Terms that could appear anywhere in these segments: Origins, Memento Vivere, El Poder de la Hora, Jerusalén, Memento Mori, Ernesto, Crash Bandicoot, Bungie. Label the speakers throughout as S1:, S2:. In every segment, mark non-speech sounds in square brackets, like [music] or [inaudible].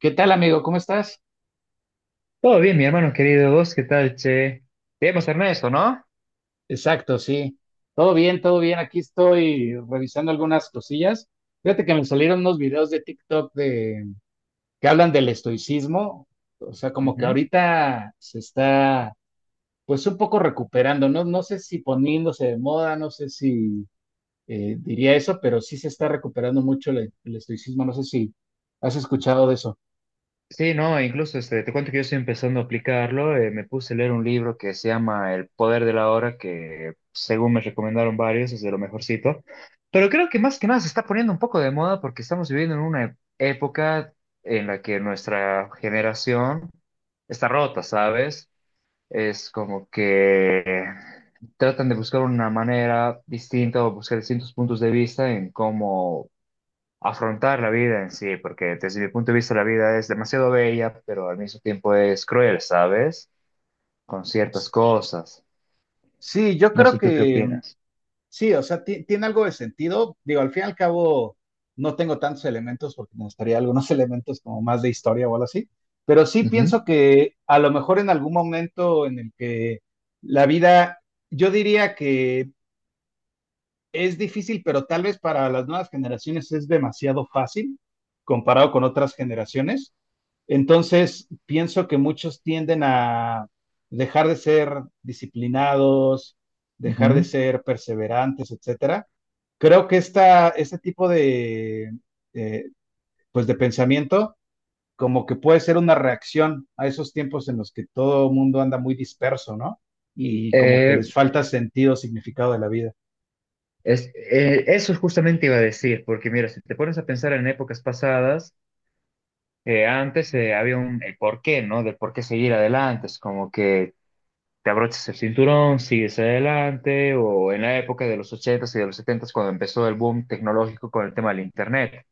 S1: ¿Qué tal, amigo? ¿Cómo estás?
S2: Todo bien, mi hermano querido. ¿Vos qué tal, che? Debemos Ernesto, ¿no?
S1: Exacto, sí. Todo bien, todo bien. Aquí estoy revisando algunas cosillas. Fíjate que me salieron unos videos de TikTok de que hablan del estoicismo. O sea, como que
S2: Ujú.
S1: ahorita se está, pues, un poco recuperando. No, no sé si poniéndose de moda, no sé si diría eso, pero sí se está recuperando mucho el estoicismo. No sé si has escuchado de eso.
S2: Sí, no, incluso te cuento que yo estoy empezando a aplicarlo. Me puse a leer un libro que se llama El Poder de la Hora, que según me recomendaron varios, es de lo mejorcito. Pero creo que más que nada se está poniendo un poco de moda porque estamos viviendo en una época en la que nuestra generación está rota, ¿sabes? Es como que tratan de buscar una manera distinta o buscar distintos puntos de vista en cómo afrontar la vida en sí, porque desde mi punto de vista la vida es demasiado bella, pero al mismo tiempo es cruel, ¿sabes? Con ciertas cosas.
S1: Sí, yo
S2: No
S1: creo
S2: sé tú qué
S1: que
S2: opinas.
S1: sí. O sea, tiene algo de sentido. Digo, al fin y al cabo, no tengo tantos elementos porque me gustaría algunos [laughs] elementos como más de historia o algo así. Pero sí
S2: Ujú,
S1: pienso que a lo mejor en algún momento en el que la vida, yo diría que es difícil, pero tal vez para las nuevas generaciones es demasiado fácil comparado con otras generaciones. Entonces, pienso que muchos tienden a dejar de ser disciplinados, dejar de
S2: ujú.
S1: ser perseverantes, etcétera. Creo que este tipo de, eh, pues, de pensamiento como que puede ser una reacción a esos tiempos en los que todo mundo anda muy disperso, ¿no? Y como que
S2: Eh,
S1: les falta sentido, significado de la vida.
S2: Eso justamente iba a decir, porque mira, si te pones a pensar en épocas pasadas, antes había un el por qué, ¿no? Del por qué seguir adelante, es como que te abrochas el cinturón, sigues adelante, o en la época de los ochentas y de los setentas, cuando empezó el boom tecnológico con el tema del Internet.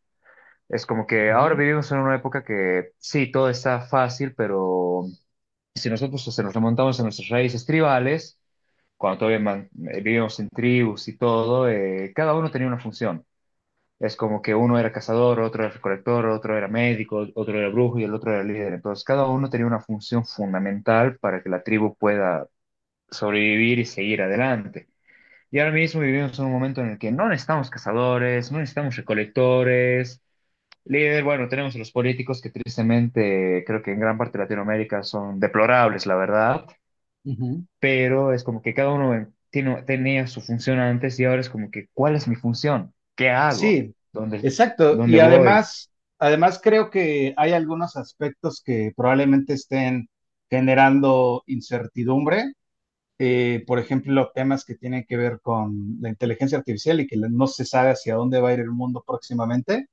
S2: Es como que ahora
S1: Ujú,
S2: vivimos en una época que sí, todo está fácil, pero si nosotros se nos remontamos a nuestras raíces tribales, cuando todavía vivíamos en tribus y todo, cada uno tenía una función. Es como que uno era cazador, otro era recolector, otro era médico, otro era brujo y el otro era líder. Entonces, cada uno tenía una función fundamental para que la tribu pueda sobrevivir y seguir adelante. Y ahora mismo vivimos en un momento en el que no necesitamos cazadores, no necesitamos recolectores. Líder, bueno, tenemos a los políticos que tristemente creo que en gran parte de Latinoamérica son deplorables, la verdad,
S1: ujú.
S2: pero es como que cada uno tenía su función antes y ahora es como que, ¿cuál es mi función? ¿Qué hago?
S1: Sí,
S2: ¿Dónde,
S1: exacto. Y
S2: dónde voy?
S1: además, además creo que hay algunos aspectos que probablemente estén generando incertidumbre. Por ejemplo, temas que tienen que ver con la inteligencia artificial y que no se sabe hacia dónde va a ir el mundo próximamente.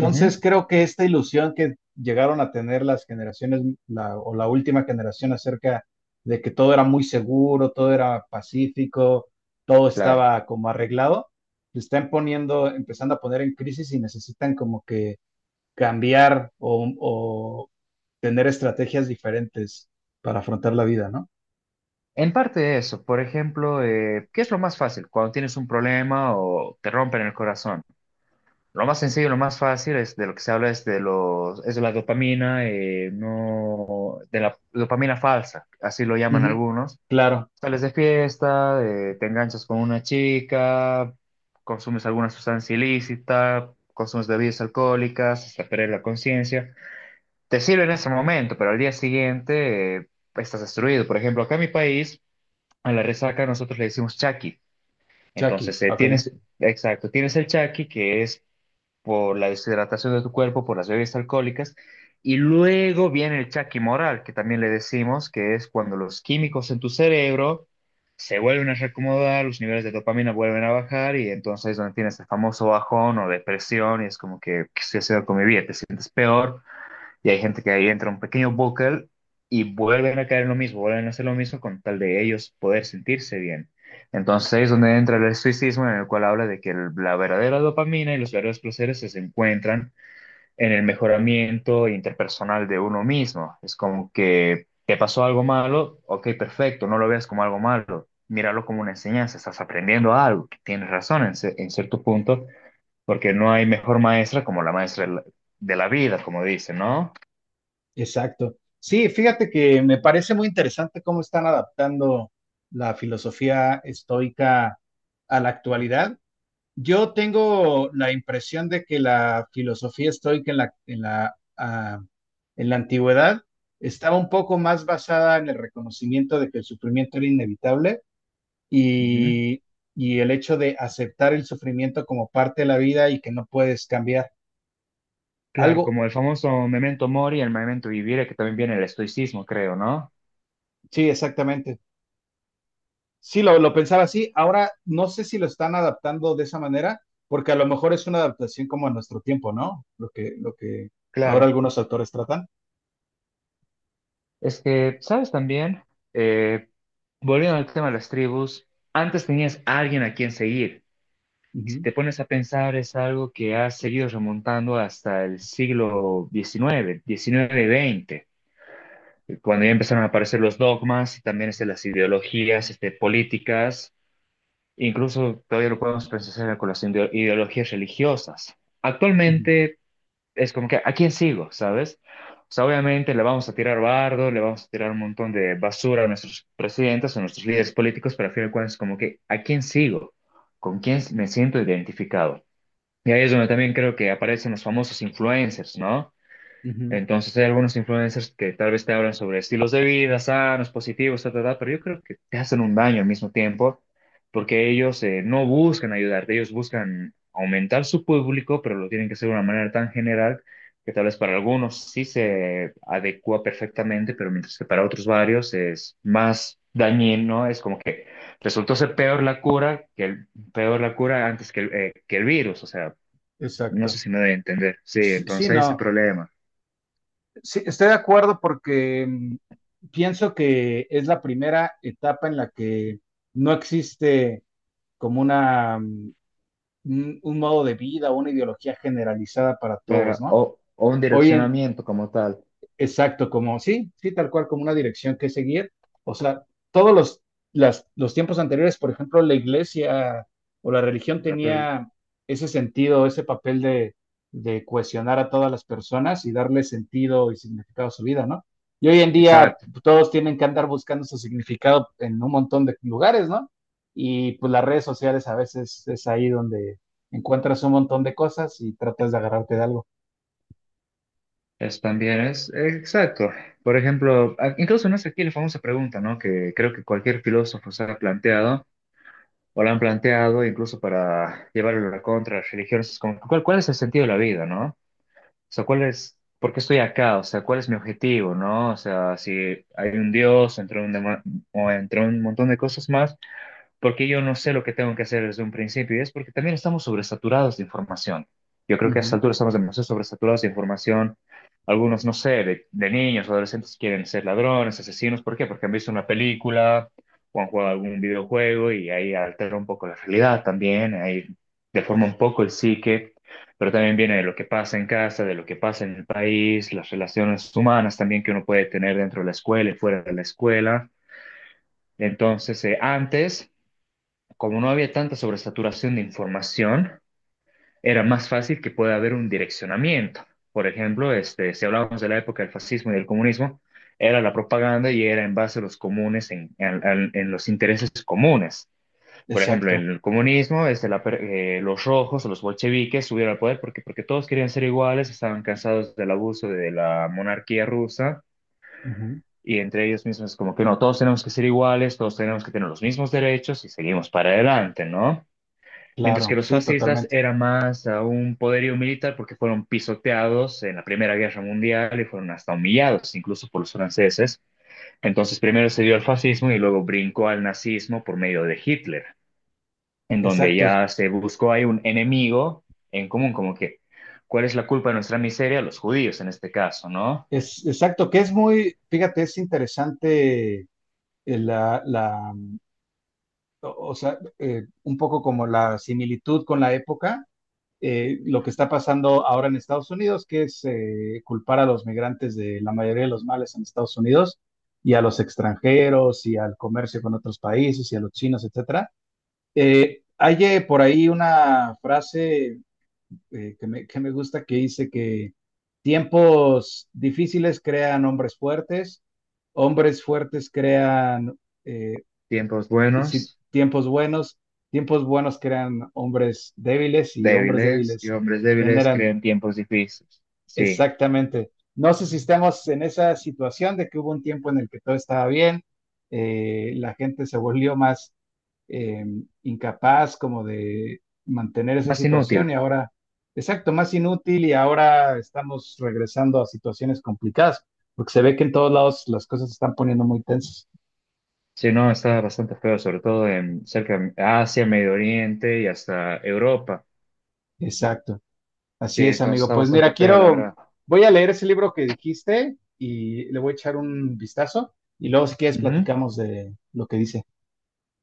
S2: Ujú,
S1: creo que esta ilusión que llegaron a tener las generaciones, o la última generación, acerca de que todo era muy seguro, todo era pacífico, todo
S2: claro.
S1: estaba como arreglado, se están poniendo, empezando a poner en crisis y necesitan como que cambiar o tener estrategias diferentes para afrontar la vida, ¿no?
S2: En parte de eso, por ejemplo, ¿qué es lo más fácil cuando tienes un problema o te rompen el corazón? Lo más sencillo, lo más fácil es de lo que se habla es de los, es de la dopamina, no, de la dopamina falsa, así lo llaman
S1: Ujú.
S2: algunos.
S1: Claro.
S2: Sales de fiesta, te enganchas con una chica, consumes alguna sustancia ilícita, consumes bebidas alcohólicas hasta perder la conciencia. Te sirve en ese momento, pero al día siguiente estás destruido. Por ejemplo, acá en mi país, a la resaca nosotros le decimos chaki.
S1: Chucky,
S2: Entonces,
S1: ok.
S2: tienes, exacto, tienes el chaki, que es por la deshidratación de tu cuerpo, por las bebidas alcohólicas. Y luego viene el chaquimoral, que también le decimos, que es cuando los químicos en tu cerebro se vuelven a reacomodar, los niveles de dopamina vuelven a bajar y entonces es donde tienes el famoso bajón o depresión y es como que, ¿qué estoy haciendo con mi vida? Te sientes peor y hay gente que ahí entra un pequeño bucle y vuelven a caer en lo mismo, vuelven a hacer lo mismo con tal de ellos poder sentirse bien. Entonces ahí es donde entra el estoicismo en el cual habla de que la verdadera dopamina y los verdaderos placeres se encuentran en el mejoramiento interpersonal de uno mismo. Es como que te pasó algo malo, ok, perfecto, no lo veas como algo malo, míralo como una enseñanza, estás aprendiendo algo, tienes razón en cierto punto, porque no hay mejor maestra como la maestra de la vida, como dicen, ¿no?
S1: Exacto. Sí, fíjate que me parece muy interesante cómo están adaptando la filosofía estoica a la actualidad. Yo tengo la impresión de que la filosofía estoica en la antigüedad estaba un poco más basada en el reconocimiento de que el sufrimiento era inevitable
S2: Ujú.
S1: y, y el hecho de aceptar el sufrimiento como parte de la vida y que no puedes cambiar
S2: Claro,
S1: algo.
S2: como el famoso Memento Mori, el Memento Vivere, que también viene el estoicismo, creo, ¿no?
S1: Sí, exactamente. Sí, lo pensaba así. Ahora no sé si lo están adaptando de esa manera, porque a lo mejor es una adaptación como a nuestro tiempo, ¿no? Lo que ahora
S2: Claro.
S1: algunos autores tratan.
S2: Es que, ¿sabes también? Eh, Volviendo al tema de las tribus, antes tenías a alguien a quien seguir. Y si
S1: Ujú,
S2: te pones a pensar, es algo que ha seguido remontando hasta el siglo XIX, XIX, XX, cuando ya empezaron a aparecer los dogmas y también las ideologías, políticas. Incluso todavía lo podemos pensar con las ideologías religiosas.
S1: ujú,
S2: Actualmente es como que, ¿a quién sigo? ¿Sabes? O sea, obviamente le vamos a tirar bardo, le vamos a tirar un montón de basura a nuestros presidentes, a nuestros líderes políticos, pero al final de cuentas es como que, ¿a quién sigo? ¿Con quién me siento identificado? Y ahí es donde también creo que aparecen los famosos influencers, ¿no?
S1: ujú.
S2: Entonces hay algunos influencers que tal vez te hablan sobre estilos de vida sanos, positivos, ta, ta, ta, pero yo creo que te hacen un daño al mismo tiempo porque ellos no buscan ayudarte, ellos buscan aumentar su público, pero lo tienen que hacer de una manera tan general que tal vez para algunos sí se adecua perfectamente, pero mientras que para otros varios es más dañino, ¿no? Es como que resultó ser peor la cura que el, peor la cura antes que el virus, o sea, no sé
S1: Exacto.
S2: si me doy a entender. Sí,
S1: Sí, sí,
S2: entonces ese
S1: no.
S2: problema.
S1: Sí, estoy de acuerdo porque pienso que es la primera etapa en la que no existe como una, un modo de vida o una ideología generalizada para todos,
S2: Claro,
S1: ¿no?
S2: o un
S1: Hoy en,
S2: direccionamiento como tal.
S1: exacto, como sí, sí, tal cual, como una dirección que seguir. O sea, todos los, los tiempos anteriores, por ejemplo, la iglesia o la religión
S2: Capel.
S1: tenía ese sentido, ese papel de cohesionar a todas las personas y darle sentido y significado a su vida, ¿no? Y hoy en día,
S2: Exacto,
S1: pues, todos tienen que andar buscando su significado en un montón de lugares, ¿no? Y pues las redes sociales a veces es ahí donde encuentras un montón de cosas y tratas de agarrarte de algo.
S2: es también es, exacto. Por ejemplo, incluso no es aquí la famosa pregunta, ¿no? Que creo que cualquier filósofo se ha planteado, o la han planteado, incluso para llevarlo a la contra las religiones, es como, ¿cuál es el sentido de la vida, ¿no? O sea, ¿por qué estoy acá? O sea, ¿cuál es mi objetivo, ¿no? O sea, si hay un Dios, o entre un montón de cosas más. Porque yo no sé lo que tengo que hacer desde un principio y es porque también estamos sobresaturados de información. Yo creo que a esta
S1: Ujú.
S2: altura estamos demasiado sobresaturados de información. Algunos, no sé, de niños, adolescentes quieren ser ladrones, asesinos. ¿Por qué? Porque han visto una película o han jugado algún videojuego y ahí altera un poco la realidad también, ahí deforma un poco el psique, pero también viene de lo que pasa en casa, de lo que pasa en el país, las relaciones humanas también que uno puede tener dentro de la escuela y fuera de la escuela. Entonces, antes como no había tanta sobresaturación de información, era más fácil que pueda haber un direccionamiento. Por ejemplo, este, si hablábamos de la época del fascismo y del comunismo, era la propaganda y era en base a los comunes, en los intereses comunes. Por ejemplo,
S1: Exacto.
S2: en el comunismo, los rojos, o los bolcheviques subieron al poder porque todos querían ser iguales, estaban cansados del abuso de la monarquía rusa
S1: Ujú.
S2: y entre ellos mismos como que no, todos tenemos que ser iguales, todos tenemos que tener los mismos derechos y seguimos para adelante, ¿no? Mientras que
S1: Claro,
S2: los
S1: sí,
S2: fascistas
S1: totalmente.
S2: eran más a un poderío militar porque fueron pisoteados en la Primera Guerra Mundial y fueron hasta humillados incluso por los franceses. Entonces primero se dio al fascismo y luego brincó al nazismo por medio de Hitler, en donde
S1: Exacto.
S2: ya se buscó ahí un enemigo en común, como que, ¿cuál es la culpa de nuestra miseria? Los judíos en este caso, ¿no?
S1: Es, exacto, que es muy, fíjate, es interesante, eh, la, la, o sea, un poco como la similitud con la época, lo que está pasando ahora en Estados Unidos, que es, culpar a los migrantes de la mayoría de los males en Estados Unidos y a los extranjeros y al comercio con otros países y a los chinos, etcétera. Hay por ahí una frase, que me gusta, que dice que tiempos difíciles crean hombres fuertes crean, eh,
S2: Tiempos
S1: si-
S2: buenos,
S1: tiempos buenos, tiempos buenos crean hombres débiles y hombres
S2: débiles y
S1: débiles
S2: hombres débiles
S1: generan...
S2: creen tiempos difíciles. Sí,
S1: Exactamente. No sé si estamos en esa situación de que hubo un tiempo en el que todo estaba bien, la gente se volvió más eh, incapaz como de mantener esa
S2: más
S1: situación
S2: inútil.
S1: y ahora, exacto, más inútil, y ahora estamos regresando a situaciones complicadas, porque se ve que en todos lados las cosas se están poniendo muy tensas.
S2: Sí, no, está bastante feo, sobre todo en cerca de Asia, Medio Oriente y hasta Europa.
S1: Exacto.
S2: Sí,
S1: Así es,
S2: entonces
S1: amigo.
S2: está
S1: Pues
S2: bastante
S1: mira,
S2: feo, la
S1: quiero,
S2: verdad.
S1: voy a leer ese libro que dijiste y le voy a echar un vistazo y luego, si quieres,
S2: Ujú.
S1: platicamos de lo que dice.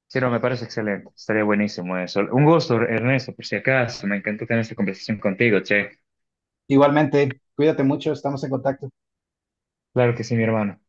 S2: Sí, no, me parece excelente. Estaría buenísimo eso. Un gusto, Ernesto, por si acaso. Me encantó tener esta conversación contigo, che.
S1: Igualmente, cuídate mucho, estamos en contacto.
S2: Claro que sí, mi hermano.